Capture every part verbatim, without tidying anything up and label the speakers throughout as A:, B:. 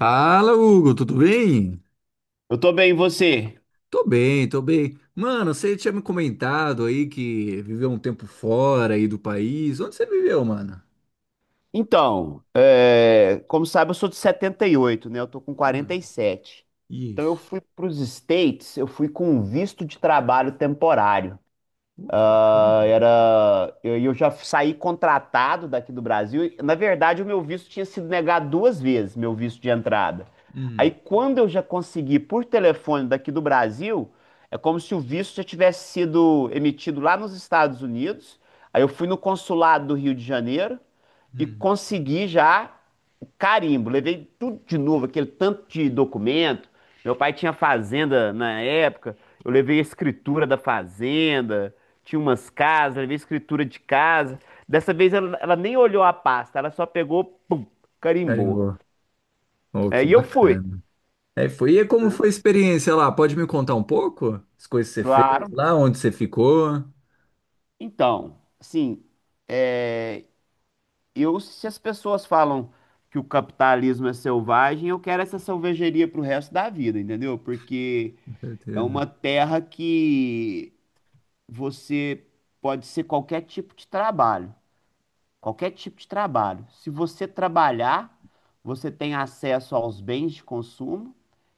A: Fala, Hugo, tudo bem?
B: Eu tô bem, e você?
A: Tô bem, tô bem. Mano, você tinha me comentado aí que viveu um tempo fora aí do país. Onde você viveu, mano?
B: Então, é, como sabe, eu sou de setenta e oito, né? Eu tô com
A: Ah,
B: quarenta e sete. Então, eu
A: isso.
B: fui para os States, eu fui com um visto de trabalho temporário.
A: Oh, que
B: Ah,
A: bacana.
B: era, eu, eu já saí contratado daqui do Brasil. Na verdade, o meu visto tinha sido negado duas vezes, meu visto de entrada. Aí,
A: Hum,
B: quando eu já consegui por telefone daqui do Brasil, é como se o visto já tivesse sido emitido lá nos Estados Unidos. Aí eu fui no consulado do Rio de Janeiro e
A: hum.
B: consegui já o carimbo. Levei tudo de novo, aquele tanto de documento. Meu pai tinha fazenda na época. Eu levei a escritura da fazenda tinha umas casas, ela veio escritura de casa. Dessa vez ela, ela nem olhou a pasta, ela só pegou, pum, carimbou.
A: Carimbó. Oh,
B: É,
A: que
B: e eu fui.
A: bacana. É, foi. E como
B: Né?
A: foi a experiência lá? Pode me contar um pouco? As coisas que você fez
B: Claro.
A: lá, onde você ficou?
B: Então, assim, é, eu, se as pessoas falam que o capitalismo é selvagem, eu quero essa selvageria pro resto da vida, entendeu? Porque
A: Com
B: é
A: certeza.
B: uma terra que você pode ser qualquer tipo de trabalho. Qualquer tipo de trabalho. Se você trabalhar, você tem acesso aos bens de consumo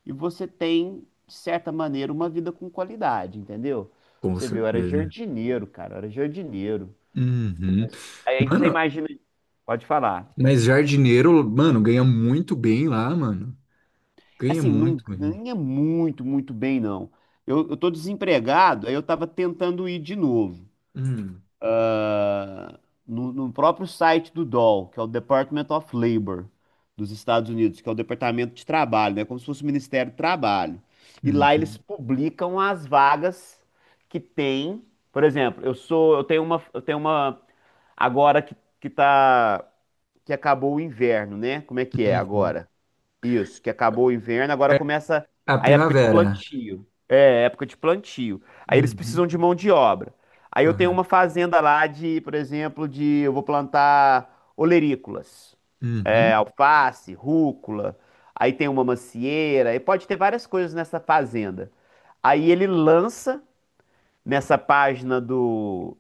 B: e você tem, de certa maneira, uma vida com qualidade, entendeu? Pra
A: Com
B: você viu, eu era
A: certeza.
B: jardineiro, cara, eu era jardineiro.
A: Uhum.
B: Aí aí que você
A: Mano,
B: imagina. Pode falar.
A: mas jardineiro, mano, ganha muito bem lá, mano. Ganha
B: Assim, não
A: muito bem.
B: ganha muito, muito bem, não. Eu, eu tô desempregado, aí eu tava tentando ir de novo.
A: Hum.
B: no, no próprio site do D O L, que é o Department of Labor dos Estados Unidos, que é o Departamento de Trabalho, né? Como se fosse o Ministério do Trabalho. E lá eles
A: Uhum,
B: publicam as vagas que tem. Por exemplo, eu sou, eu tenho uma, eu tenho uma agora que, que tá, que acabou o inverno, né? Como é que é
A: uhum.
B: agora? Isso, que acabou o inverno, agora
A: É
B: começa
A: a
B: a época de
A: primavera.
B: plantio. É, época de plantio. Aí eles
A: Uhum,
B: precisam de mão de obra. Aí eu tenho
A: correto.
B: uma fazenda lá de, por exemplo, de eu vou plantar olerícolas, é,
A: Uhum,
B: alface, rúcula. Aí tem uma macieira, e pode ter várias coisas nessa fazenda. Aí ele lança nessa página do,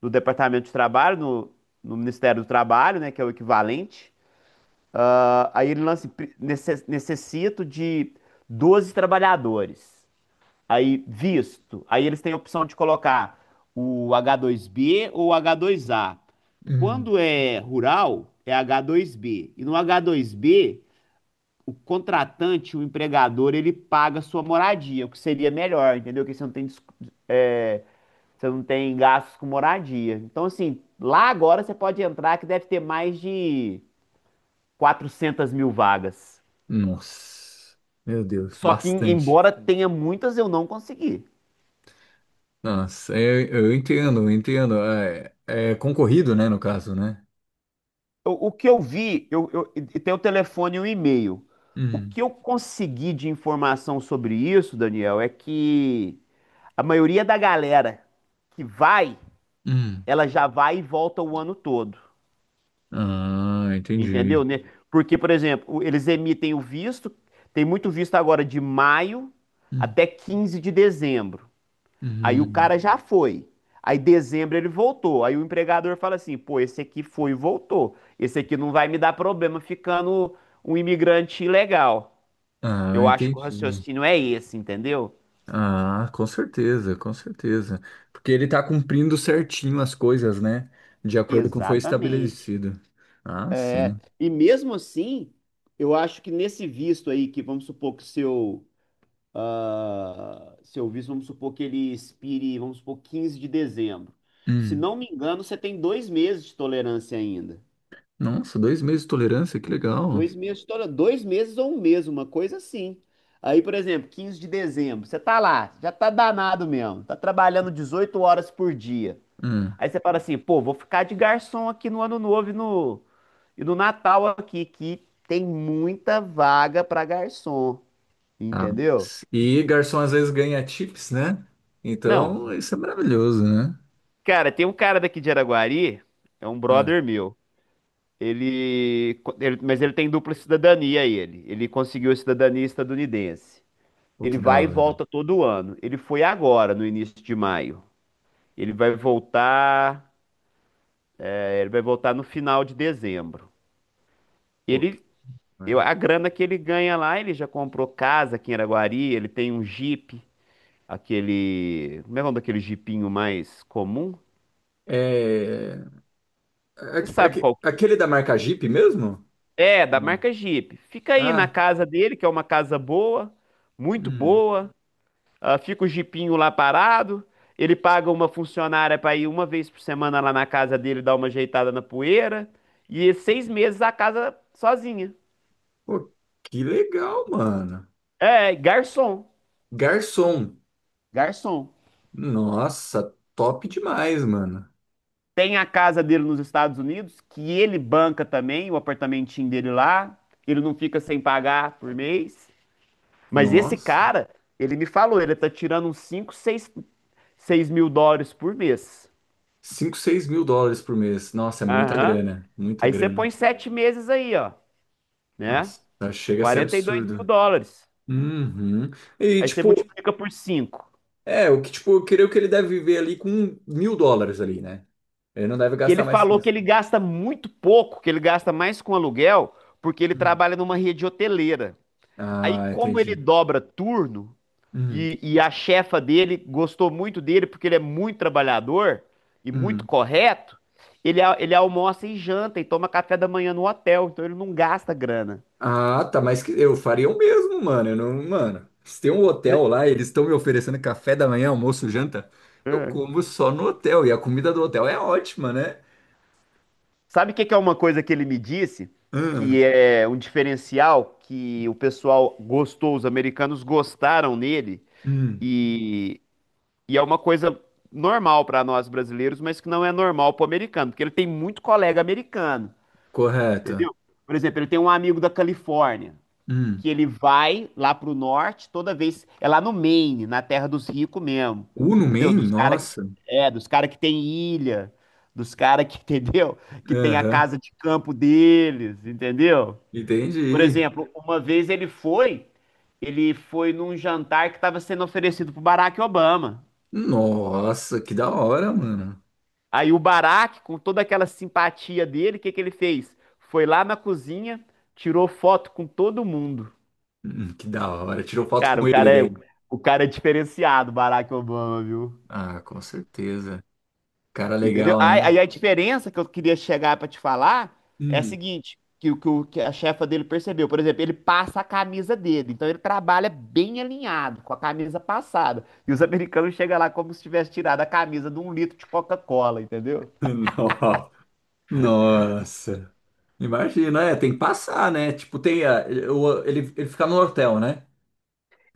B: do Departamento de Trabalho, no, no Ministério do Trabalho, né, que é o equivalente. Ah, aí ele lança, pre- necess- necessito de doze trabalhadores. Aí, visto. Aí eles têm a opção de colocar o H dois B ou o H dois A.
A: uhum.
B: Quando é rural, é H dois B. E no H dois B, o contratante, o empregador, ele paga a sua moradia, o que seria melhor, entendeu? Porque você não tem, dis- é, você não tem gastos com moradia. Então, assim, lá agora você pode entrar que deve ter mais de quatrocentas mil vagas.
A: Nossa, meu Deus,
B: Só que,
A: bastante.
B: embora tenha muitas, eu não consegui.
A: Nossa, eu, eu entendo, eu entendo. É, é concorrido, né, no caso, né?
B: O, o que eu vi, eu, eu, e tem o telefone e o e-mail. O
A: Uhum,
B: que eu consegui de informação sobre isso, Daniel, é que a maioria da galera que vai,
A: uhum.
B: ela já vai e volta o ano todo.
A: Ah,
B: Entendeu?
A: entendi.
B: Né? Porque, por exemplo, o- eles emitem o visto, tem muito visto agora de maio
A: Uhum,
B: até quinze de dezembro de dezembro. Aí o
A: uhum.
B: cara já foi. Aí dezembro ele voltou. Aí o empregador fala assim: pô, esse aqui foi e voltou. Esse aqui não vai me dar problema ficando um imigrante ilegal.
A: Ah,
B: Eu acho que o
A: entendi.
B: raciocínio é esse, entendeu?
A: Ah, com certeza, com certeza. Porque ele tá cumprindo certinho as coisas, né? De acordo com o que foi
B: Exatamente.
A: estabelecido. Ah, sim.
B: E mesmo assim, eu acho que nesse visto aí, que vamos supor que seu, ah, seu visto, vamos supor que ele expire, vamos supor, quinze de dezembro. Se
A: Hum.
B: não me engano, você tem dois meses de tolerância ainda.
A: Nossa, dois meses de tolerância, que legal.
B: Dois meses, toda, dois meses ou um mês, uma coisa assim. Aí, por exemplo, quinze de dezembro, você tá lá, já tá danado mesmo, tá trabalhando dezoito horas por dia.
A: Hum,
B: Aí você fala assim, pô, vou ficar de garçom aqui no Ano Novo e no, e no Natal aqui, que tem muita vaga pra garçom,
A: tá.
B: entendeu?
A: E garçom às vezes ganha tips, né?
B: Não,
A: Então, isso é maravilhoso, né?
B: cara, tem um cara daqui de Araguari, é um
A: Hum,
B: brother meu. Ele, ele, mas ele tem dupla cidadania, ele. Ele conseguiu a cidadania estadunidense.
A: pô,
B: Ele
A: que da
B: vai e
A: hora.
B: volta todo ano. Ele foi agora, no início de maio. Ele vai voltar, é, ele vai voltar no final de dezembro.
A: Pô, que
B: Ele,
A: da
B: eu-
A: hora.
B: a grana que ele ganha lá, ele já comprou casa aqui em Araguari, ele tem um Jeep, aquele, como é o nome daquele Jeepinho mais comum?
A: É...
B: Você
A: aque-
B: sabe
A: aque-
B: qual que
A: Aquele da marca Jeep mesmo?
B: é, é, da
A: Hum.
B: marca Jeep. Fica aí na
A: Ah,
B: casa dele, que é uma casa boa, muito
A: hum.
B: boa. Ah, fica o jipinho lá parado. Ele paga uma funcionária para ir uma vez por semana lá na casa dele dar uma ajeitada na poeira. E seis meses a casa sozinha.
A: Pô, que legal, mano.
B: É, garçom.
A: Garçom.
B: Garçom.
A: Nossa, top demais, mano.
B: Tem a casa dele nos Estados Unidos, que ele banca também, o apartamentinho dele lá. Ele não fica sem pagar por mês. Mas esse
A: Nossa.
B: cara, ele me falou, ele tá tirando uns cinco, seis, seis, mil dólares por mês.
A: Cinco, seis mil dólares por mês. Nossa, é muita
B: Aham.
A: grana. Muita
B: Aí você põe
A: grana.
B: sete meses aí, ó, né?
A: Nossa, chega a ser
B: Quarenta e dois mil
A: absurdo.
B: dólares.
A: Uhum. E
B: Aí você
A: tipo,
B: multiplica por cinco.
A: é, o que tipo, eu creio que ele deve viver ali com mil dólares ali, né? Ele não deve
B: E
A: gastar
B: ele
A: mais que
B: falou que
A: isso.
B: ele gasta muito pouco, que ele gasta mais com aluguel, porque ele
A: Hum.
B: trabalha numa rede hoteleira. Aí,
A: Ah,
B: como ele
A: entendi.
B: dobra turno,
A: Hum,
B: e, e a chefa dele gostou muito dele, porque ele é muito trabalhador e muito
A: hum.
B: correto, ele, a- ele almoça e janta e toma café da manhã no hotel, então ele não gasta grana.
A: Ah, tá, mas que- eu faria o mesmo, mano. Eu não, mano, se tem um hotel
B: Né?
A: lá, eles estão me oferecendo café da manhã, almoço, janta, eu
B: É.
A: como só no hotel. E a comida do hotel é ótima, né?
B: Sabe o que que é uma coisa que ele me disse? Que
A: Hum,
B: é um diferencial que o pessoal gostou, os americanos gostaram nele,
A: hum,
B: e, e é uma coisa normal para nós brasileiros, mas que não é normal para o americano, porque ele tem muito colega americano,
A: correto.
B: entendeu? Por exemplo, ele tem um amigo da Califórnia
A: Hum.
B: que ele vai lá pro norte, toda vez. É lá no Maine, na terra dos ricos mesmo.
A: Uno
B: Entendeu?
A: Man?
B: Dos cara que,
A: Nossa.
B: é, dos cara que tem ilha, dos cara que, entendeu? Que tem a
A: Aham,
B: casa de campo deles, entendeu? Por
A: entendi.
B: exemplo, uma vez ele foi, ele foi num jantar que estava sendo oferecido pro Barack Obama.
A: Nossa, que da hora, mano.
B: Aí o Barack, com toda aquela simpatia dele, o que que ele fez? Foi lá na cozinha, tirou foto com todo mundo.
A: Hum, que da hora. Tirou foto
B: Cara,
A: com
B: o
A: ele
B: cara é,
A: daí.
B: o cara é diferenciado, Barack Obama, viu?
A: Ah, com certeza. Cara
B: Entendeu?
A: legal, né?
B: Aí, aí a diferença que eu queria chegar pra te falar é a
A: Hum.
B: seguinte, que, o que o- que a chefa dele percebeu, por exemplo, ele passa a camisa dele, então ele trabalha bem alinhado, com a camisa passada. E os americanos chegam lá como se tivesse tirado a camisa de um litro de Coca-Cola, entendeu?
A: No- Nossa. Imagina, é, tem que passar, né? Tipo, tem a, o- ele, ele fica no hotel, né?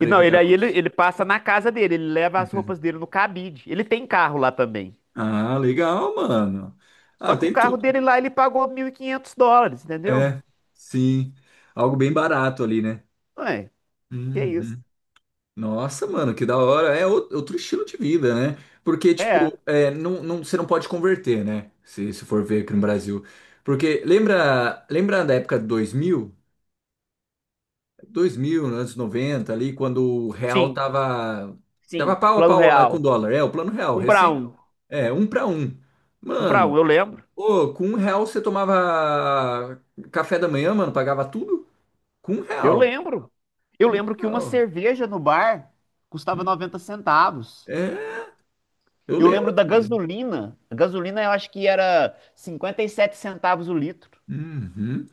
B: E não, ele
A: evitar
B: aí ele,
A: custos.
B: ele passa na casa dele, ele leva as roupas dele no cabide. Ele tem carro lá também.
A: Ah, legal, mano.
B: Só
A: Ah,
B: que o
A: tem
B: carro
A: tudo.
B: dele lá ele pagou mil e quinhentos dólares, entendeu?
A: É, sim. Algo bem barato ali, né?
B: Ué, que isso?
A: Uhum. Nossa, mano, que da hora. É ou- outro estilo de vida, né? Porque,
B: É.
A: tipo, é, não, não, você não pode converter, né? Se, se for ver aqui no Brasil. Porque lembra, lembra da época de dois mil, dois mil, anos noventa ali, quando o real
B: Sim,
A: tava, tava
B: sim.
A: pau a
B: Plano
A: pau lá com o
B: real.
A: dólar. É, o plano real,
B: Um para
A: recém.
B: um.
A: É, um pra um.
B: Um para
A: Mano,
B: um, eu lembro.
A: ô, com um real você tomava café da manhã, mano, pagava tudo? Com um
B: Eu
A: real.
B: lembro. Eu
A: Com um
B: lembro que uma
A: real.
B: cerveja no bar custava noventa centavos.
A: É, eu
B: Eu lembro
A: lembro.
B: da
A: Também.
B: gasolina. A gasolina eu acho que era cinquenta e sete centavos o litro.
A: Uhum.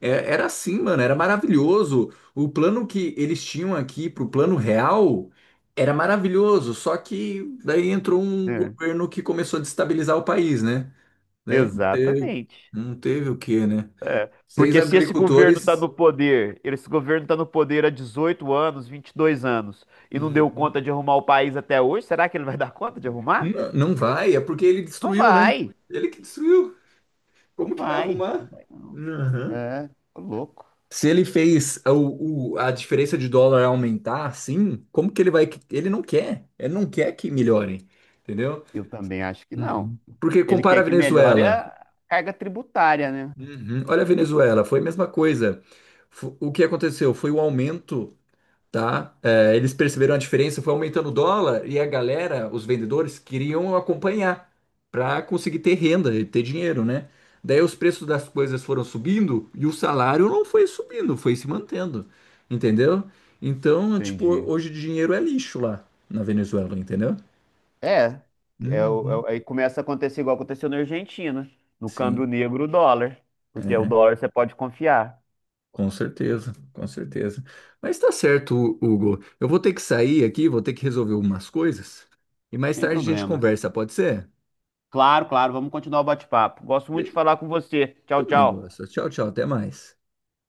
A: É- Era assim, mano, era maravilhoso. O plano que eles tinham aqui pro plano real era maravilhoso, só que daí entrou um
B: É,
A: governo que começou a destabilizar o país, né? Daí não teve,
B: exatamente.
A: não teve o quê, né? Seis
B: Porque se esse governo está
A: agricultores.
B: no poder, esse governo está no poder há dezoito anos, vinte e dois anos, e não deu
A: Uhum.
B: conta de arrumar o país até hoje, será que ele vai dar conta de arrumar?
A: Não, não vai, é porque ele
B: Não
A: destruiu, né?
B: vai,
A: Ele que destruiu.
B: não
A: Como que vai
B: vai.
A: arrumar? Uhum.
B: É, tô louco.
A: Se ele fez o, o- a diferença de dólar aumentar assim, como que ele vai. Ele não quer. Ele não quer que melhore. Entendeu?
B: Eu também acho que não.
A: Uhum. Porque
B: Ele
A: compara
B: quer
A: a
B: que melhore
A: Venezuela.
B: a carga tributária, né?
A: Uhum. Olha a Venezuela, foi a mesma coisa. Fo- O que aconteceu foi o aumento tá? É, eles perceberam a diferença, foi aumentando o dólar e a galera, os vendedores, queriam acompanhar para conseguir ter renda e ter dinheiro, né? Daí os preços das coisas foram subindo e o salário não foi subindo, foi se mantendo, entendeu? Então, tipo,
B: Entendi.
A: hoje dinheiro é lixo lá na Venezuela, entendeu?
B: É, é, o- é
A: Uhum.
B: o- aí começa a acontecer igual aconteceu na Argentina, no
A: Sim,
B: câmbio negro, o dólar, porque o
A: é,
B: dólar você pode confiar,
A: com certeza, com certeza. Mas tá certo, Hugo. Eu vou ter que sair aqui, vou ter que resolver algumas coisas e mais
B: sem
A: tarde a gente
B: problemas.
A: conversa, pode ser?
B: Claro, claro, vamos continuar o bate-papo. Gosto muito de falar com você. Tchau,
A: Também
B: tchau.
A: gosto. Tchau, tchau. Até mais.